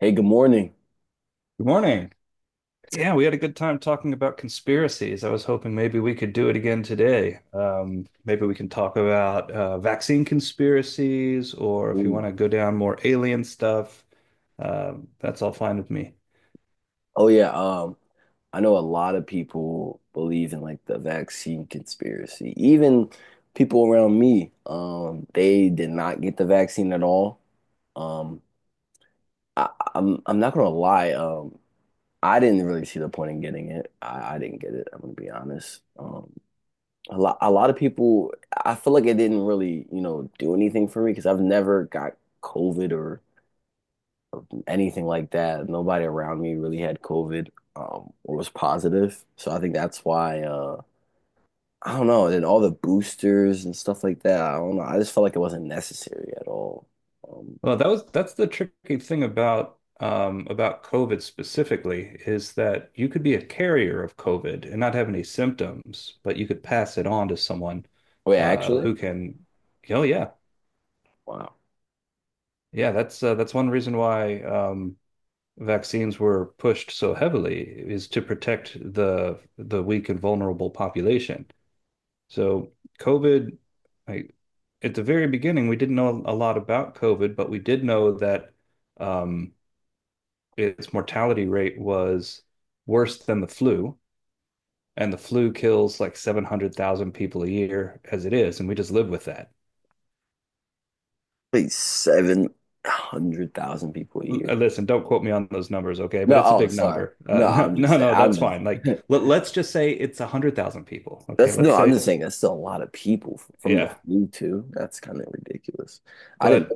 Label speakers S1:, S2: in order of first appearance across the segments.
S1: Hey, good morning.
S2: Good morning. Yeah, we had a good time talking about conspiracies. I was hoping maybe we could do it again today. Maybe we can talk about vaccine conspiracies, or if you
S1: Ooh.
S2: want to go down more alien stuff, that's all fine with me.
S1: Oh yeah, um, I know a lot of people believe in like the vaccine conspiracy. Even people around me, they did not get the vaccine at all. Um, I, I'm not gonna lie. I didn't really see the point in getting it. I didn't get it. I'm gonna be honest. A lot of people, I feel like it didn't really, do anything for me because I've never got COVID or. Anything like that. Nobody around me really had COVID, or was positive. So I think that's why, I don't know. And all the boosters and stuff like that. I don't know. I just felt like it wasn't necessary at all. Um,
S2: Well, that's the tricky thing about COVID specifically is that you could be a carrier of COVID and not have any symptoms, but you could pass it on to someone
S1: actually,
S2: who can. Oh yeah,
S1: wow.
S2: yeah. That's one reason why. Vaccines were pushed so heavily is to protect the weak and vulnerable population. So COVID, I, at the very beginning, we didn't know a lot about COVID, but we did know that um, its mortality rate was worse than the flu, and the flu kills like 700,000 people a year as it is, and we just live with that.
S1: Wait, 700,000 people a year.
S2: Listen, don't quote me on those numbers, okay? But
S1: No,
S2: it's a
S1: oh,
S2: big
S1: sorry.
S2: number.
S1: No,
S2: No,
S1: I'm just
S2: no,
S1: saying,
S2: no, that's fine. Like, let's just say it's 100,000 people, okay?
S1: that's no,
S2: Let's
S1: I'm
S2: say,
S1: just saying that's still a lot of people from the
S2: yeah.
S1: flu too. That's kind of ridiculous. I didn't.
S2: But,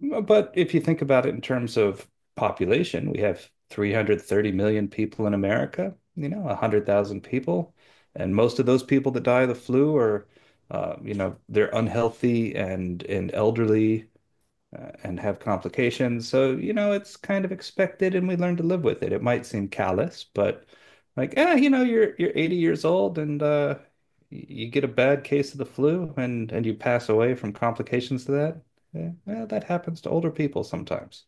S2: but if you think about it in terms of population, we have 330 million people in America. You know, 100,000 people, and most of those people that die of the flu are, you know, they're unhealthy and elderly and have complications. So, you know, it's kind of expected and we learn to live with it. It might seem callous, but like, ah, you know, you're 80 years old and you get a bad case of the flu and you pass away from complications to that. Yeah, well, that happens to older people sometimes.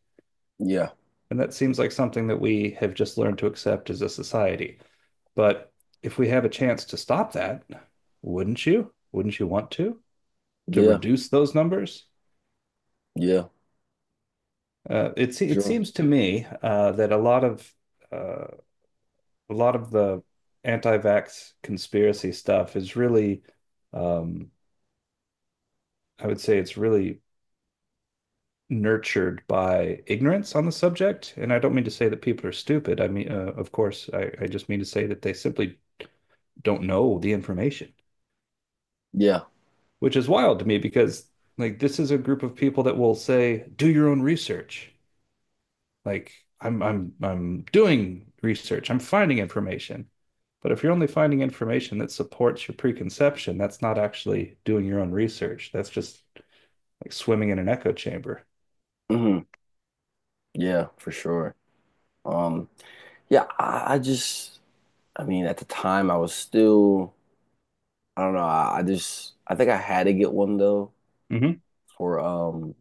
S1: Yeah,
S2: And that seems like something that we have just learned to accept as a society. But if we have a chance to stop that, wouldn't you? Wouldn't you want to? To
S1: yeah,
S2: reduce those numbers?
S1: yeah,
S2: It it
S1: sure.
S2: seems to me that uh, a lot of the anti-vax conspiracy stuff is really, um, I would say, it's really nurtured by ignorance on the subject. And I don't mean to say that people are stupid. I mean, of course, I just mean to say that they simply don't know the information,
S1: Yeah.
S2: which is wild to me because like this is a group of people that will say, do your own research. Like I'm doing research, I'm finding information. But if you're only finding information that supports your preconception, that's not actually doing your own research. That's just like swimming in an echo chamber.
S1: Mhm. Yeah, for sure. Um, I just, I mean, at the time I was still, I don't know, I just, I think I had to get one though
S2: Hmm
S1: for,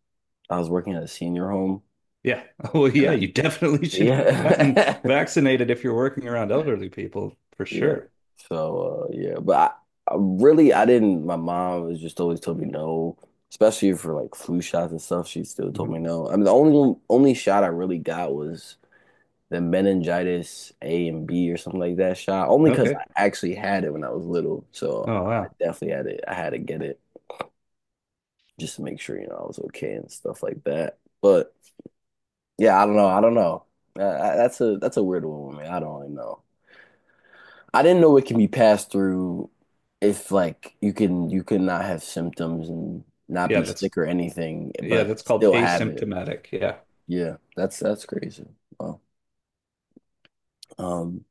S1: I was working at a senior home
S2: Yeah. Well,
S1: and
S2: yeah,
S1: I,
S2: you definitely should have gotten
S1: yeah,
S2: vaccinated if you're working around elderly people, for
S1: yeah.
S2: sure.
S1: So, yeah, but I really, I didn't, my mom was just always told me no, especially for like flu shots and stuff. She still told me
S2: hmm
S1: no. I mean, the only shot I really got was the meningitis A and B or something like that shot. Only because
S2: Okay.
S1: I actually had it when I was little, so
S2: Oh,
S1: I
S2: wow.
S1: definitely had it. I had to get it just to make sure you know I was okay and stuff like that. But yeah, I don't know. I don't know. That's a weird one, man. I don't really know. I didn't know it can be passed through if like you can not have symptoms and not
S2: Yeah,
S1: be
S2: that's
S1: sick or anything,
S2: Yeah,
S1: but
S2: that's called
S1: still have it.
S2: asymptomatic. Yeah.
S1: Yeah, that's crazy. Well, um,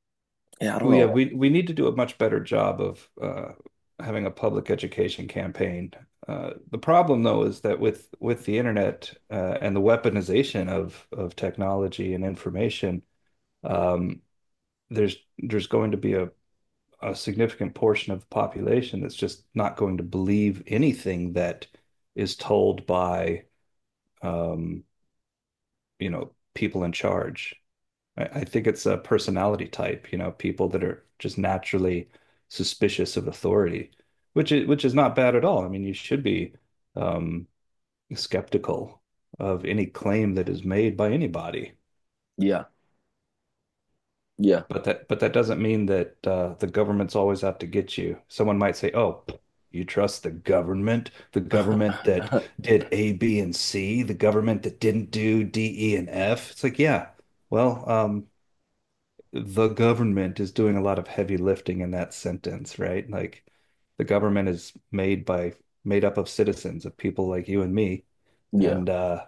S1: yeah, I don't know.
S2: We need to do a much better job of having a public education campaign. The problem, though, is that with the internet and the weaponization of technology and information, um, there's going to be a significant portion of the population that's just not going to believe anything that is told by um, you know people in charge. I think it's a personality type, you know, people that are just naturally suspicious of authority, which is not bad at all. I mean, you should be um, skeptical of any claim that is made by anybody.
S1: Yeah, yeah.
S2: But that doesn't mean that the government's always out to get you. Someone might say, "Oh, pff, you trust the government that did A, B, and C, the government that didn't do D, E, and F." It's like, yeah, well, the government is doing a lot of heavy lifting in that sentence, right? Like the government is made up of citizens, of people like you and me.
S1: Yeah.
S2: And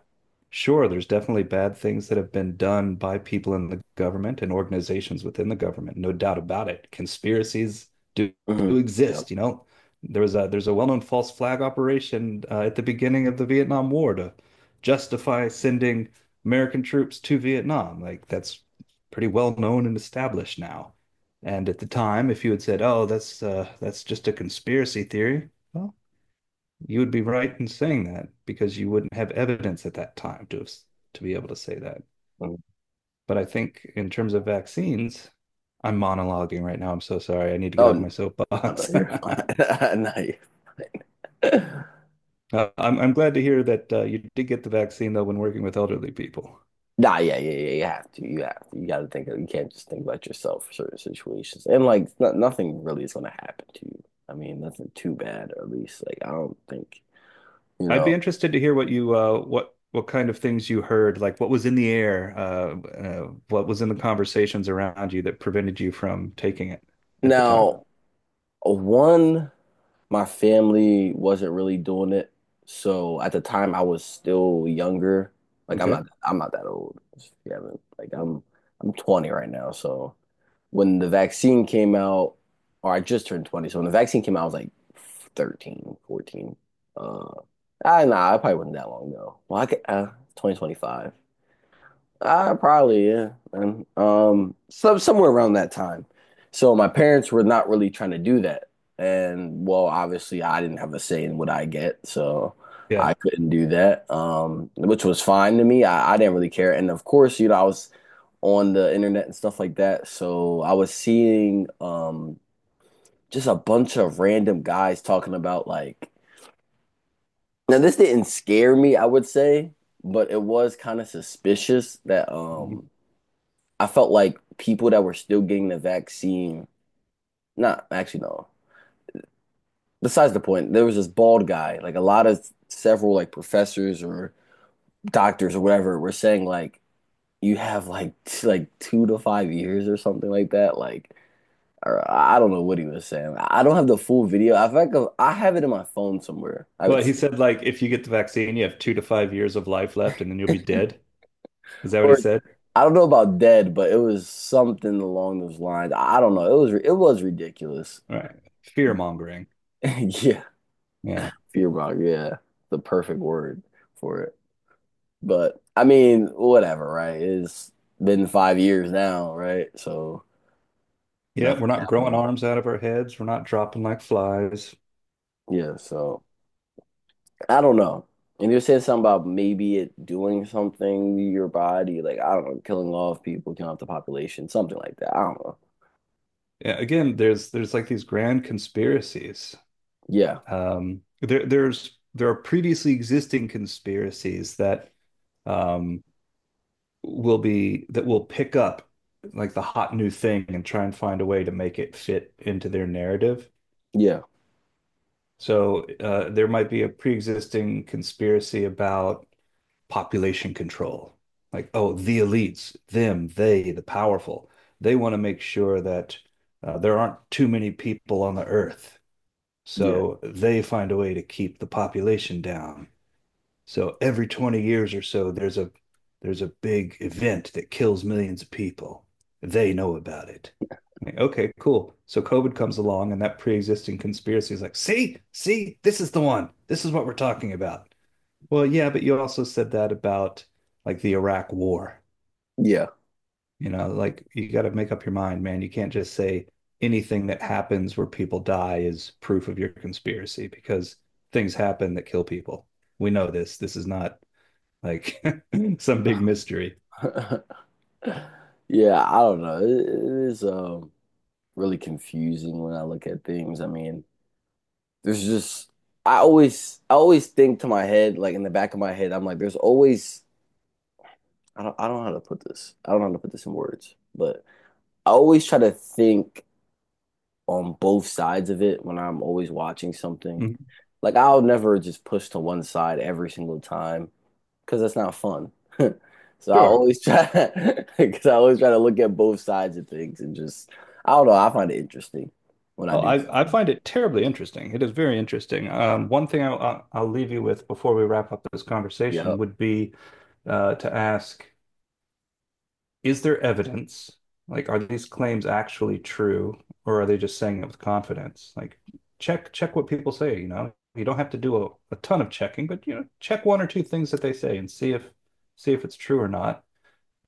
S2: sure, there's definitely bad things that have been done by people in the government and organizations within the government, no doubt about it. Conspiracies do
S1: Hmm. Yeah.
S2: exist, you know. There's a well-known false flag operation at the beginning of the Vietnam War to justify sending American troops to Vietnam. Like that's pretty well known and established now. And at the time, if you had said, "Oh, that's just a conspiracy theory," well, you would be right in saying that because you wouldn't have evidence at that time to to be able to say that.
S1: Mhm.
S2: But I think in terms of vaccines, I'm monologuing right now. I'm so sorry. I need to get
S1: Oh,
S2: off my
S1: n- oh no,
S2: soapbox.
S1: you're fine. No, you're—
S2: I'm glad to hear that you did get the vaccine though when working with elderly people.
S1: Nah, yeah, yeah, yeah. You have to. You have to. You got to think of, you can't just think about yourself for certain situations. And like no, nothing really is going to happen to you. I mean, nothing too bad, or at least like I don't think, you
S2: I'd
S1: know.
S2: be interested to hear what you what kind of things you heard, like what was in the air, what was in the conversations around you that prevented you from taking it at the time.
S1: Now, one, my family wasn't really doing it. So at the time I was still younger. Like
S2: Okay.
S1: I'm not that old. If you haven't, like, I'm 20 right now, so when the vaccine came out, or I just turned 20. So when the vaccine came out, I was like 13, 14. 14. I, nah, I probably wasn't that long ago. Well, I could, 2025. Probably, yeah. Man. So, somewhere around that time. So my parents were not really trying to do that. And well, obviously I didn't have a say in what I get, so
S2: Yeah.
S1: I couldn't do that. Which was fine to me. I didn't really care. And of course, you know, I was on the internet and stuff like that. So I was seeing just a bunch of random guys talking about like now this didn't scare me, I would say, but it was kind of suspicious that
S2: Mhm.
S1: I felt like people that were still getting the vaccine, not actually no. Besides the point, there was this bald guy, like a lot of several like professors or doctors or whatever were saying like you have like like 2 to 5 years or something like that. Like or I don't know what he was saying. I don't have the full video. I think of, I have it in my phone somewhere. I would
S2: Well, he
S1: say,
S2: said like if you get the vaccine, you have 2 to 5 years of life left, and then you'll be dead. Is that what he
S1: or
S2: said?
S1: I don't know about dead, but it was something along those lines. I don't know. It was ridiculous.
S2: All right. Fear mongering.
S1: Yeah,
S2: Yeah.
S1: fearbog. Yeah, the perfect word for it. But I mean, whatever, right? It's been 5 years now, right? So
S2: Yeah,
S1: nothing
S2: we're not growing
S1: happened.
S2: arms out of our heads. We're not dropping like flies.
S1: Yeah, so. I don't know. And you said something about maybe it doing something to your body, like I don't know, killing off people, killing off the population, something like that. I don't know.
S2: Yeah, again, there's like these grand conspiracies.
S1: Yeah,
S2: There are previously existing conspiracies that um, will be that will pick up like the hot new thing and try and find a way to make it fit into their narrative.
S1: yeah,
S2: So there might be a pre-existing conspiracy about population control. Like, oh, the elites, them, they, the powerful, they want to make sure that there aren't too many people on the earth.
S1: yeah,
S2: So they find a way to keep the population down. So every 20 years or so, there's a big event that kills millions of people. They know about it. Like, okay, cool. So COVID comes along, and that pre-existing conspiracy is like, see, see, this is the one. This is what we're talking about. Well, yeah, but you also said that about like the Iraq War.
S1: yeah,
S2: You know, like you got to make up your mind, man. You can't just say anything that happens where people die is proof of your conspiracy because things happen that kill people. We know this. This is not like some big mystery.
S1: yeah. I don't know. It is really confusing when I look at things. I mean, there's just I always think to my head, like in the back of my head, I'm like, there's always I don't know how to put this. I don't know how to put this in words, but I always try to think on both sides of it when I'm always watching something.
S2: Mhm.
S1: Like I'll never just push to one side every single time because that's not fun. So I
S2: Sure.
S1: always try because I always try to look at both sides of things and just I don't know, I find it interesting when I
S2: Oh,
S1: do
S2: I
S1: something.
S2: find it terribly interesting. It is very interesting. One thing I'll leave you with before we wrap up this conversation
S1: Yep.
S2: would be to ask, is there evidence? Like, are these claims actually true, or are they just saying it with confidence? Like, check what people say, you know. You don't have to do a ton of checking, but you know, check 1 or 2 things that they say and see if it's true or not.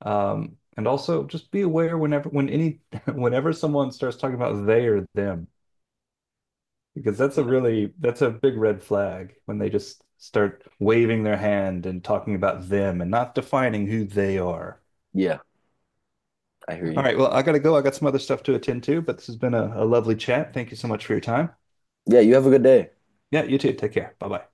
S2: And also just be aware whenever when any whenever someone starts talking about they or them, because that's
S1: Yeah.
S2: a really that's a big red flag when they just start waving their hand and talking about them and not defining who they are.
S1: Yeah, I hear
S2: All
S1: you.
S2: right, well, I gotta go. I got some other stuff to attend to, but this has been a lovely chat. Thank you so much for your time.
S1: Yeah, you have a good day.
S2: Yeah, you too. Take care. Bye bye.